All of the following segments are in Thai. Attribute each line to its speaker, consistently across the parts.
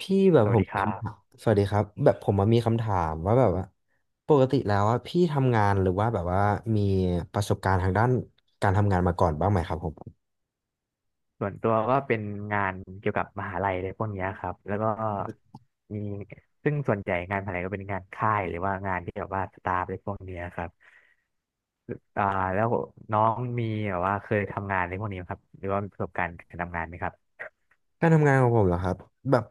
Speaker 1: พี่แบบ
Speaker 2: ส
Speaker 1: ผ
Speaker 2: วัส
Speaker 1: ม
Speaker 2: ดีครั
Speaker 1: คำ
Speaker 2: บ
Speaker 1: ถามสวัสดีครับแบบผมมามีคำถามว่าแบบว่าปกติแล้วอะพี่ทำงานหรือว่าแบบว่ามีประสบการณ์ทางด้านการทำงานมาก่อนบ้างไหมครับผม
Speaker 2: ส่วนตัวก็เป็นงานเกี่ยวกับมหาลัยอะไรพวกเนี้ยครับแล้วก็มีซึ่งส่วนใหญ่งานมหาลัยก็เป็นงานค่ายหรือว่างานที่แบบว่าสตาฟอะไรพวกเนี้ยครับอ่าแล้วน้องมีแบบว่าเคยทำงานในพวกนี้ไหมครับหรือว่ามีประสบการณ์การทำงานไหมครับ
Speaker 1: การทำงานของผมเหรอครับแบบ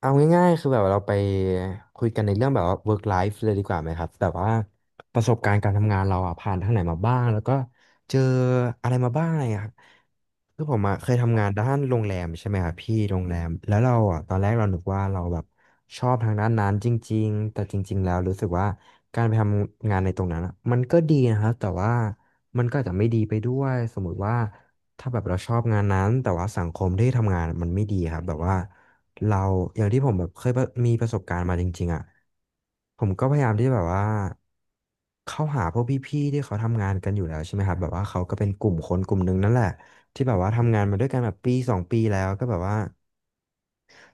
Speaker 1: เอาง่ายๆคือแบบเราไปคุยกันในเรื่องแบบว่า work life เลยดีกว่าไหมครับแบบว่าประสบการณ์การทำงานเราอะผ่านทางไหนมาบ้างแล้วก็เจออะไรมาบ้างอะไรอย่างเงี้ยครับคือผมอะเคยทำงานด้านโรงแรมใช่ไหมครับพี่โรงแรมแล้วเราอะตอนแรกเรานึกว่าเราแบบชอบทางด้านนั้นจริงๆแต่จริงๆแล้วรู้สึกว่าการไปทำงานในตรงนั้นอะมันก็ดีนะครับแต่ว่ามันก็อาจจะไม่ดีไปด้วยสมมุติว่า ถ้าแบบเราชอบงานนั้นแต่ว่าสังคมที่ทำงานมันไม่ดีครับแบบว่าเราอย่างที่ผมแบบเคยประมีประสบการณ์มาจริงๆอ่ะผมก็พยายามที่แบบว่าเข้าหาพวกพี่ๆที่เขาทำงานกันอยู่แล้วใช่ไหมครับแบบว่าเขาก็เป็นกลุ่มคนกลุ่มหนึ่งนั่นแหละที่แบบว่าทำงานมาด้วยกันแบบปีสองปีแล้วก็แบบว่า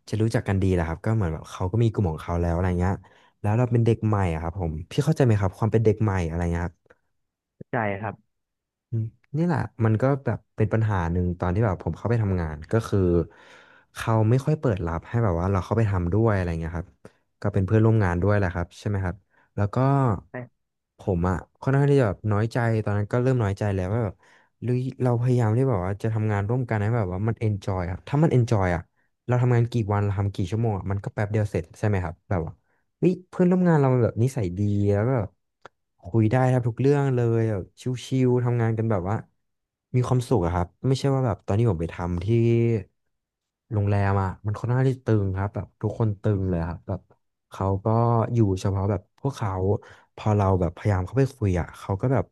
Speaker 1: จะรู้จักกันดีแหละครับก็เหมือนแบบเขาก็มีกลุ่มของเขาแล้วอะไรเงี้ยแล้วเราเป็นเด็กใหม่อะครับผมพี่เข้าใจไหมครับความเป็นเด็กใหม่อะไรเงี้ยครับ
Speaker 2: ใช่ครับ
Speaker 1: อืมนี่แหละมันก็แบบเป็นปัญหาหนึ่งตอนที่แบบผมเข้าไปทำงานก็คือเขาไม่ค่อยเปิดรับให้แบบว่าเราเข้าไปทำด้วยอะไรเงี้ยครับก็เป็นเพื่อนร่วมงานด้วยแหละครับใช่ไหมครับแล้วก็ผมอ่ะค่อนข้างที่จะแบบน้อยใจตอนนั้นก็เริ่มน้อยใจแล้วว่าแบบหรือเราพยายามที่แบบว่าจะทำงานร่วมกันให้แบบว่ามันเอนจอยครับถ้ามันเอนจอยอ่ะเราทำงานกี่วันเราทำกี่ชั่วโมงอะมันก็แป๊บเดียวเสร็จใช่ไหมครับแบบว่า เฮ้ยเพื่อนร่วมงานเรามันแบบนิสัยดีแล้วก็แบบคุยได้ครับทุกเรื่องเลยแบบชิวๆทำงานกันแบบว่ามีความสุขอะครับไม่ใช่ว่าแบบตอนนี้ผมไปทำที่โรงแรมอะมันค่อนข้างที่ตึงครับแบบทุกคนตึงเลยครับแบบเขาก็อยู่เฉพาะแบบพวกเขาพอเราแบบพยายามเข้าไปคุยอะเขาก็แบบ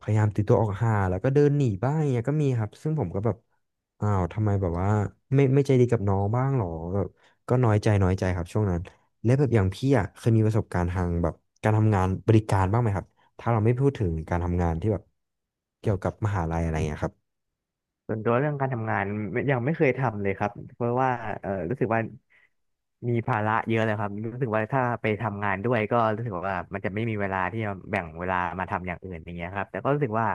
Speaker 1: พยายามตีตัวออกห่างแล้วก็เดินหนีบ้างอย่างเงี้ยก็มีครับซึ่งผมก็แบบอ้าวทำไมแบบว่าไม่ไม่ใจดีกับน้องบ้างหรอแบบก็น้อยใจน้อยใจครับช่วงนั้น และแบบอย่างพี่อ่ะเคยมีประสบการณ์ทางแบบการทำงานบริการบ้างไหมครับถ้าเราไม่พูดถึงการทำงานที่แบบเกี่ยวกับมหาลัยอะไรเงี้ยครับ
Speaker 2: ส่วนตัวเรื่องการทำงานไม่ยังไม่เคยทำเลยครับเพราะว่ารู้สึกว่ามีภาระเยอะเลยครับรู้สึกว่าถ้าไปทำงานด้วยก็รู้สึกว่ามันจะไม่มีเวลาที่จะแบ่งเวลามาทำอย่างอื่นอย่างเงี้ยครับแต่ก็รู้สึกว่า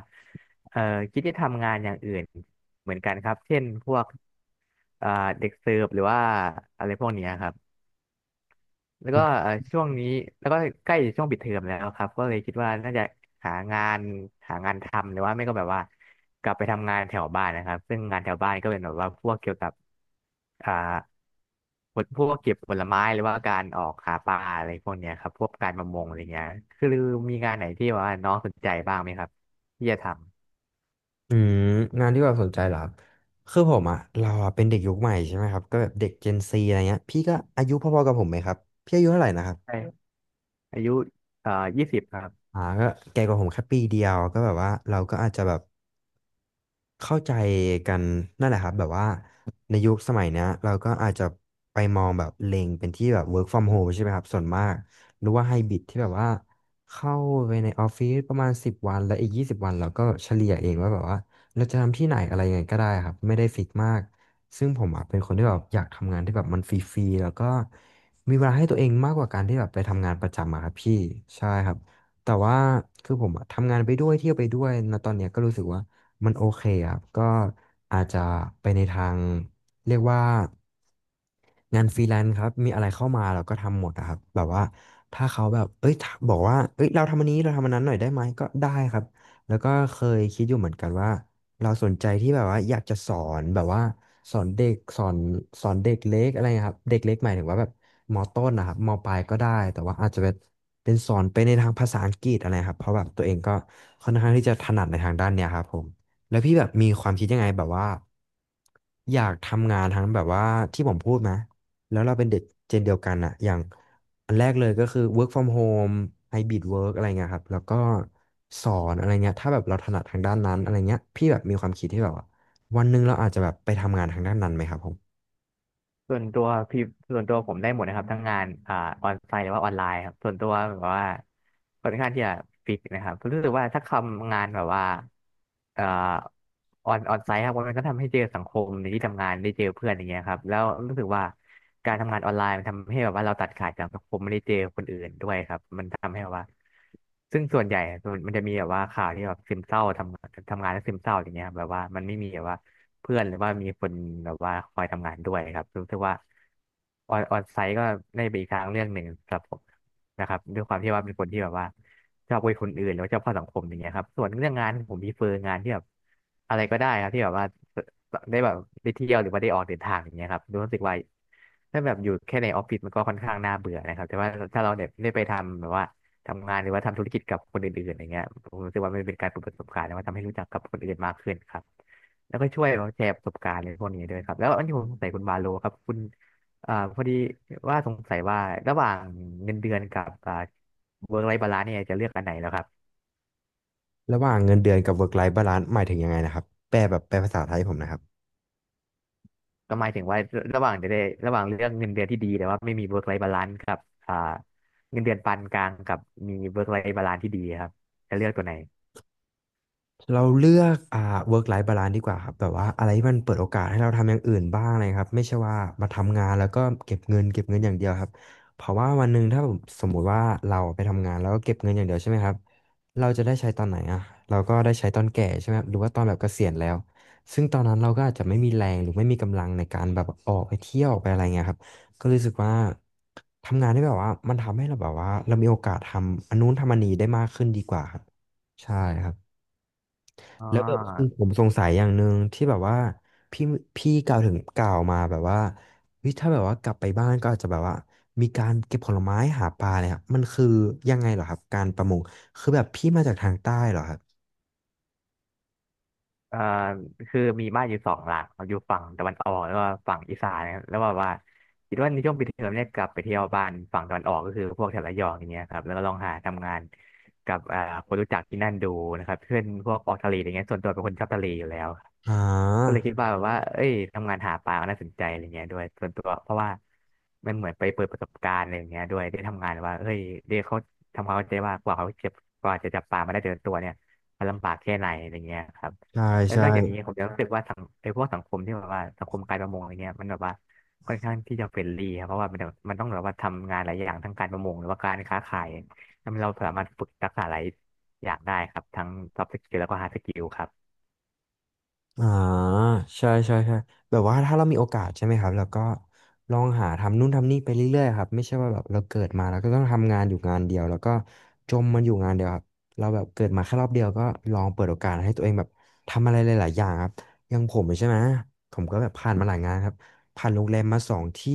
Speaker 2: เออคิดจะทำงานอย่างอื่นเหมือนกันครับเช่นพวกเอ่อเด็กเสิร์ฟหรือว่าอะไรพวกเนี้ยครับ แล้วก็ช่วงนี้แล้วก็ใกล้ช่วงปิดเทอมแล้วครับก็เลยคิดว่าน่าจะหางานหางานทำหรือว่าไม่ก็แบบว่ากลับไปทำงานแถวบ้านนะครับซึ่งงานแถวบ้านก็เป็นแบบว่าพวกเกี่ยวกับอ่าพวกเก็บผลไม้หรือว่าการออกหาปลาอะไรพวกเนี้ยครับพวกการประมงอะไรเงี้ยคือมีงานไหนที่แบบว่าน้องสนใจบ้างไหมครับที่จะทำ
Speaker 1: อืมงานที่แบบสนใจเหรอครับคือผมอ่ะเราอะเป็นเด็กยุคใหม่ใช่ไหมครับก็แบบเด็ก Gen Z อะไรเงี้ยพี่ก็อายุพอๆกับผมไหมครับพี่อายุเท่าไหร่นะครับ
Speaker 2: ใช่อายุเอ่อ20ครับ
Speaker 1: ก็แก่กว่าผมแค่ปีเดียวก็แบบว่าเราก็อาจจะแบบ เข้าใจกันนั่นแหละครับแบบว่าในยุคสมัยเนี้ยเราก็อาจจะไปมองแบบเล็งเป็นที่แบบ work from home ใช่ไหมครับส่วนมากหรือว่าไฮบริดที่แบบว่าเข้าไปในออฟฟิศประมาณสิบวันแล้วอีก20 วันเราก็เฉลี่ยเองว่าแบบว่าเราจะทำที่ไหนอะไรยังไงก็ได้ครับไม่ได้ฟิกมากซึ่งผมอ่ะเป็นคนที่แบบอยากทำงานที่แบบมันฟรีๆแล้วก็มีเวลาให้ตัวเองมากกว่าการที่แบบไปทำงานประจำอะครับพี่ใช่ครับแต่ว่าคือผมอะทำงานไปด้วยเที่ยวไปด้วยนะตอนเนี้ยก็รู้สึกว่า มันโอเคครับ ก็อาจจะไปในทางเรียกว่างานฟรีแลนซ์ครับมีอะไรเข้ามาเราก็ทำหมดอะครับแบบว่าถ้าเขาแบบเอ้ยถ้าบอกว่าเอ้ยเราทำอันนี้เราทำอันนั้นหน่อยได้ไหมก็ได้ครับแล้วก็เคยคิดอยู่เหมือนกันว่าเราสนใจที่แบบว่าอยากจะสอนแบบว่าสอนเด็กสอนเด็กเล็กอะไรนะครับเด็กเล็กหมายถึงว่าแบบมต้นนะครับมปลายก็ได้แต่ว่าอาจจะเป็นเป็นสอนไปในทางภาษาอังกฤษอะไรครับเพราะแบบตัวเองก็ค่อนข้างที่จะถนัดในทางด้านเนี้ยครับผม แล้วพี่แบบมีความคิดยังไงแบบว่าอยากทำงานทั้งแบบว่าที่ผมพูดนะแล้วเราเป็นเด็กเจนเดียวกันอะอย่างอันแรกเลยก็คือ work from home hybrid work อะไรเงี้ยครับแล้วก็สอนอะไรเงี้ยถ้าแบบเราถนัดทางด้านนั้นอะไรเงี้ยพี่แบบมีความคิดที่แบบว่าวันหนึ่งเราอาจจะแบบไปทำงานทางด้านนั้นไหมครับผม
Speaker 2: ส่วนตัวพี่ส่วนตัวผมได้หมดนะครับทั้งงานออนไซต์หรือว่าออนไลน์ครับส่วนตัวแบบว่าค่อนข้างที่จะฟิกนะครับรู้สึกว่าถ้าทำงานแบบว่าเอ่อออนไซต์ครับมันก็ทำให้เจอสังคมในที่ทำงานได้เจอเพื่อนอย่างเงี้ยครับแล้วรู้สึกว่าการทำงานออนไลน์มันทำให้แบบว่าเราตัดขาดจากสังคมไม่ได้เจอคนอื่นด้วยครับมันทำให้แบบว่าซึ่งส่วนใหญ่อะมันจะมีแบบว่าข่าวที่แบบซึมเศร้าทำงานแล้วซึมเศร้าอย่างเงี้ยครับแบบว่ามันไม่มีแบบว่า เพื่อนหรือว่ามีคนแบบว่าคอยทำงานด้วยครับรู้สึกว่าออนไซต์ก็ได้ไปอีกทางเรื่องหนึ่งสำหรับผมนะครับด้วยความที่ว่าเป็นคนที่แบบว่าชอบคุยคนอื่นหรือว่าชอบเข้าสังคมอย่างเงี้ยครับส่วนเรื่องงานผมมีเฟอร์งานที่แบบอะไรก็ได้ครับที่แบบว่าได้แบบได้เที่ยวหรือว่าได้ออกเดินทางอย่างเงี้ยครับรู้สึกว่าถ้าแบบอยู่แค่ในออฟฟิศมันก็ค่อนข้างน่าเบื่อนะครับแต่ว่าถ้าเราเนี่ยได้ไปทำแบบว่าทำงานหรือว่าทำธุรกิจกับคนอื่นๆอย่างเงี้ยผมรู้สึกว่ามันเป็นการเปิดประสบการณ์แล้วว่าทำให้รู้จักกับคนอื่นมากขึ้นครับ แล้วก็ช่วยแบบแชร์ประสบการณ์ในพวกนี้ด้วยครับแล้วอันที่ผมสงสัยคุณบาโลครับคุณพอดีว่าสงสัยว่าระหว่างเงินเดือนกับเวิร์กไลฟ์บาลานซ์เนี่ยจะเลือกอันไหนแล้วครับ
Speaker 1: ระหว่างเงินเดือนกับ work life balance หมายถึงยังไงนะครับแปลแบบแปลภาษาไทยให้ผมนะครับ
Speaker 2: ก็หมายถึงว่าระหว่างจะได้ระหว่างเรืองเงินเดือนที่ดีแต่ว่าไม่มีเวิร์กไลฟ์บาลานซ์กับอ่าเงินเดือนปานกลางกับมีเวิร์กไลฟ์บาลานซ์ที่ดีครับจะเลือกตัวไหน
Speaker 1: เราเลือกwork life balance ดีกว่าครับแบบว่าอะไรที่มันเปิดโอกาสให้เราทำอย่างอื่นบ้างอะไรครับไม่ใช่ว่ามาทำงานแล้วก็เก็บเงินเก็บเงินอย่างเดียวครับเพราะว่าวันหนึ่งถ้าผมสมมุติว่าเราไปทำงานแล้วก็เก็บเงินอย่างเดียวใช่ไหมครับเราจะได้ใช้ตอนไหนอ่ะเราก็ได้ใช้ตอนแก่ใช่ไหมครับหรือว่าตอนแบบเกษียณแล้วซึ่งตอนนั้นเราก็อาจจะไม่มีแรงหรือไม่มีกำลังในการแบบออกไปเที่ยวออกไปอะไรเงี้ยครับก็รู้สึกว่าทำงานได้แบบว่ามันทำให้เราแบบว่าเรามีโอกาสทำอันนู้นทำอันนี้ได้มากขึ้นดีกว่าครับใช่ครับ
Speaker 2: อ๋อ
Speaker 1: แล้วแบบคือผมสงสัยอย่างหนึ่งที่แบบว่าพี่พี่กล่าวถึงกล่าวมาแบบว่าเฮ้ยถ้าแบบว่ากลับไปบ้านก็อาจจะแบบว่ามีการเก็บผลไม้หาปลาเนี่ยครับมันคือยังไงเหรอครับการประมงคือแบบพี่มาจากทางใต้เหรอครับ
Speaker 2: เอ่อคือมีบ้านอยู่2 หลังครัอยู่ฝั่งตะวันออกแล้วก็ฝั่งอีสานนะครับแล้วแบบว่าคิดว่าในช่วงปิดเทอมเนี่ยกลับไปเที่ยวบ้านฝั่งตะวันออกก็คือพวกแถบระยองอย่างเงี้ยครับแล้วก็ลองหาทำงานกับคนรู้จักที่นั่นดูนะครับเพื่อนพวกออกทะเลอย่างเงี้ยส่วนตัวเป็นคนชอบทะเลอยู่แล้ว
Speaker 1: อ่า
Speaker 2: ก็เลยคิดว่าแบบว่าเอ้ยทำงานหาปลามน่าสนใจอะไรเงี้ยด้วยส่วนตัวเพราะว่ามันเหมือนไปเปิดประสบการณ์อะไรอย่างเงี้ยด้วยได้ทำงานว่าเฮ้ยเด็กเขาทำความเข้าใจว่ากว่าเขาเจ็บกว่าจะจับปลามาได้แต่ละตัวเนี่ยมันลำบากแค่ไหนอะไรเงี้ยครับ
Speaker 1: ใช่
Speaker 2: แล้ว
Speaker 1: ใช่
Speaker 2: นอกจากนี้ผมยังรู้สึกว่าสังไอ้พวกสังคมที่แบบว่าสังคมการประมงอะไรเงี้ยมันแบบว่าค่อนข้างที่จะเฟรนลี่ครับเพราะว่ามันแบบมันต้องแบบว่าทำงานหลายอย่างทั้งการประมงหรือว่าการค้าขายทำให้เราสามารถฝึกทักษะหลายอย่างได้ครับทั้ง soft skill แล้วก็ hard skill ครับ
Speaker 1: อ่าใช่ใช่ใช่แบบว่าถ้าเรามีโอกาสใช่ไหมครับแล้วก็ลองหาทำนู่นทำนี่ไปเรื่อยๆครับไม่ใช่ว่าแบบเราเกิดมาแล้วก็ต้องทำงานอยู่งานเดียวแล้วก็จมมันอยู่งานเดียวครับเราแบบเกิดมาแค่รอบเดียวก็ลองเปิดโอกาสให้ตัวเองแบบทำอะไรหลายๆอย่างครับอย่างผมใช่ไหมผมก็แบบผ่านมาหลายงานครับผ่านโรงแรมมาสองที่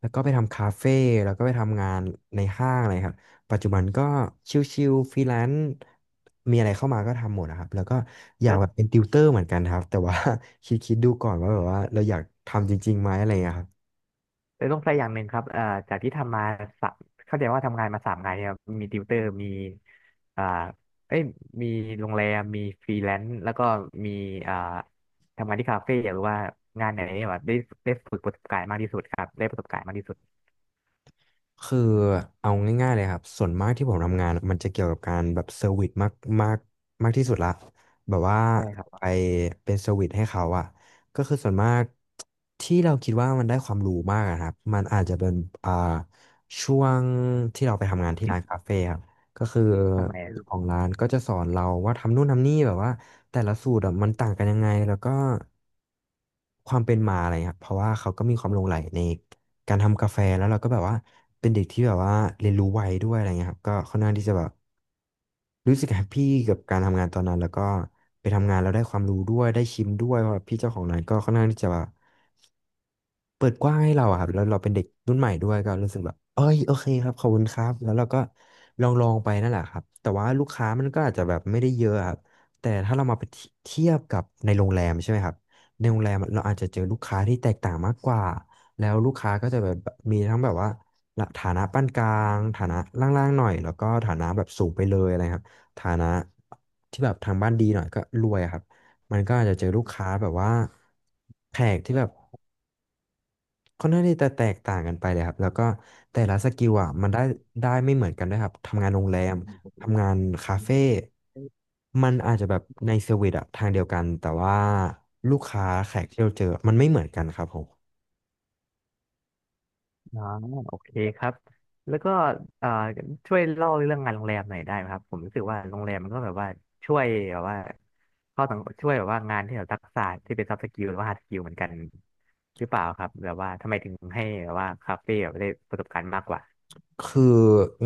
Speaker 1: แล้วก็ไปทำคาเฟ่แล้วก็ไปทำงานในห้างอะไรครับ ปัจจุบันก็ชิลๆฟรีแลนซ์มีอะไรเข้ามาก็ทำหมดนะครับ แล้วก็อยากแบบเป็นติวเตอร์เหมือนกันครับ แต่ว่า คิดๆดูก่อนว่าแบบว่าเราอยากทำจริงๆไหมอะไรอย่างเงี้ยครับ
Speaker 2: เลยต้องใส่อย่างหนึ่งครับจากที่ทำมาสามเข้าใจว่าทำงานมา3 งานเนี่ยครับมีติวเตอร์ มีอ่าเอ้ยมีโรงแรมมีฟรีแลนซ์แล้วก็มีอ่าทำงานที่คาเฟ่หรือว่างานไหนเนี่ยแบบได้ได้ฝึกประสบการณ์มากที่สุดครับได้ประสบการณ์มากที่สุด
Speaker 1: คือเอาง่ายๆเลยครับส่วนมากที่ผมทำงานอะมันจะเกี่ยวกับการแบบเซอร์วิสมากมากมากที่สุดละแบบว่า
Speaker 2: ใช่ครั
Speaker 1: ไป
Speaker 2: บ
Speaker 1: เป็นเซอร์วิสให้เขาอะก็คือส่วนมากที่เราคิดว่ามันได้ความรู้มากอะครับมันอาจจะเป็นอ่าช่วงที่เราไปทำงานที่ร้านคาเฟ่ครับก็คือ
Speaker 2: ทำไมอะ
Speaker 1: เจ้าของร้านก็จะสอนเราว่าทำนู่นทำนี่แบบว่าแต่ละสูตรอะมันต่างกันยังไงแล้วก็ ความเป็นมาอะไรครับเพราะว่าเขาก็มีความหลงใหลในการทำกาแฟแล้วเราก็แบบว่าเป็นเด็กที่แบบว่าเรียนรู้ไวด้วยอะไรเงี้ยครับก็ค่อนข้างที่จะแบบรู้สึกแฮปปี้กับการทำงานตอนนั้นแล้วก็ไปทำงานแล้วได้ความรู้ด้วยได้ชิมด้วยเพราะว่าพี่เจ้าของร้านก็ค่อนข้างที่จะแบบ เปิดกว้างให้เราอะครับแล้วเราเป็นเด็กรุ่นใหม่ด้วยก็รู้สึกแบบเอ้ยโอเคครับขอบคุณครับแล้วเราก็ลองไปนั่นแหละครับแต่ว่าลูกค้ามันก็อาจจะแบบไม่ได้เยอะครับแต่ถ้าเรามาเทียบกับในโรงแรมใช่ไหมครับในโรงแรมเราอาจจะเจอลูกค้าที่แตกต่างมากกว่าแล้วลูกค้าก็จะแบบมีทั้งแบบว่าฐานะปานกลางฐานะล่างๆหน่อยแล้วก็ฐานะแบบสูงไปเลยอะไรครับฐานะที่แบบทางบ้านดีหน่อยก็รวยอะครับมันก็อาจจะเจอลูกค้าแบบว่าแขกที่แบบ ค่อนข้างที่จะแตกต่างกันไปเลยครับแล้วก็แต่ละสกิลอ่ะมันได้ไม่เหมือนกันด้วยครับทำงานโรงแรมทำงานคาเฟ่มันอาจจะแบบในเซอร์วิสอะทางเดียวกันแต่ว่าลูกค้าแขกที่เราเจอมันไม่เหมือนกันครับผม
Speaker 2: อ่าโอเคครับแล้วก็อ่าช่วยเล่าเรื่องงานโรงแรมหน่อยได้ไหมครับผมรู้สึกว่าโรงแรมมันก็แบบว่าช่วยแบบว่าเข้าสังช่วยแบบว่างานที่แบบทักษะที่เป็น soft skill หรือว่า hard skill เหมือนกันหรือเปล่าครับแบบว่าทำไมถึงให้แบบว่าคาเฟ่แบบได้ประสบการณ์มากกว่า
Speaker 1: คือ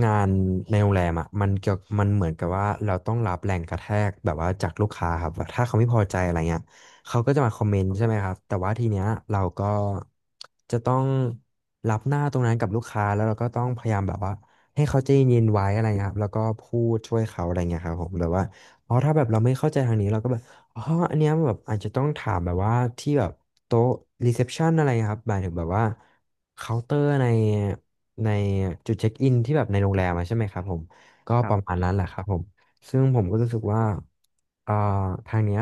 Speaker 1: งานในโรงแรมอ่ะมันเกี่ยวมันเหมือนกับว่าเราต้องรับแรงกระแทกแบบว่าจากลูกค้าครับว่าถ้าเขาไม่พอใจอะไรเงี้ยเขาก็จะมาคอมเมนต์ใช่ไหมครับแต่ว่าทีเนี้ยเราก็จะต้องรับหน้าตรงนั้นกับลูกค้าแล้วเราก็ต้องพยายามแบบว่าให้เขาใจเย็นๆไว้อะไรเงี้ยครับแล้วก็พูดช่วยเขาอะไรเงี้ยครับผมหรือว่าอ๋อถ้าแบบเราไม่เข้าใจทางนี้เราก็แบบอ๋ออันเนี้ยแบบอาจจะต้องถามแบบว่าที่แบบโต๊ะรีเซพชันอะไรเงี้ยครับหมายถึงแบบว่าเคาน์เตอร์ใน ในจุดเช็คอินที่แบบในโรงแรมอะใช่ไหมครับผมก็
Speaker 2: ค
Speaker 1: ป
Speaker 2: รั
Speaker 1: ระ
Speaker 2: บ
Speaker 1: มาณนั้นแหละครับผมซึ่งผมก็รู้สึกว่าเอ่อทางเนี้ย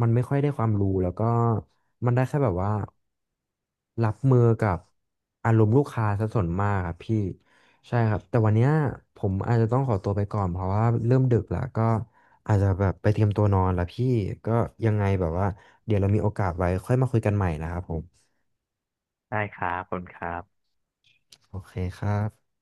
Speaker 1: มันไม่ค่อยได้ความรู้แล้วก็มันได้แค่แบบว่ารับมือกับอารมณ์ลูกค้าซะส่วนมากครับพี่ใช่ครับแต่วันเนี้ยผมอาจจะต้องขอตัวไปก่อนเพราะว่าเริ่มดึกแล้วก็อาจจะแบบไปเตรียมตัวนอนแล้วพี่ก็ยังไงแบบว่าเดี๋ยวเรามีโอกาสไว้ค่อยมาคุยกันใหม่นะครับผม
Speaker 2: ได้ครับขอบคุณครับ
Speaker 1: โอเคครับ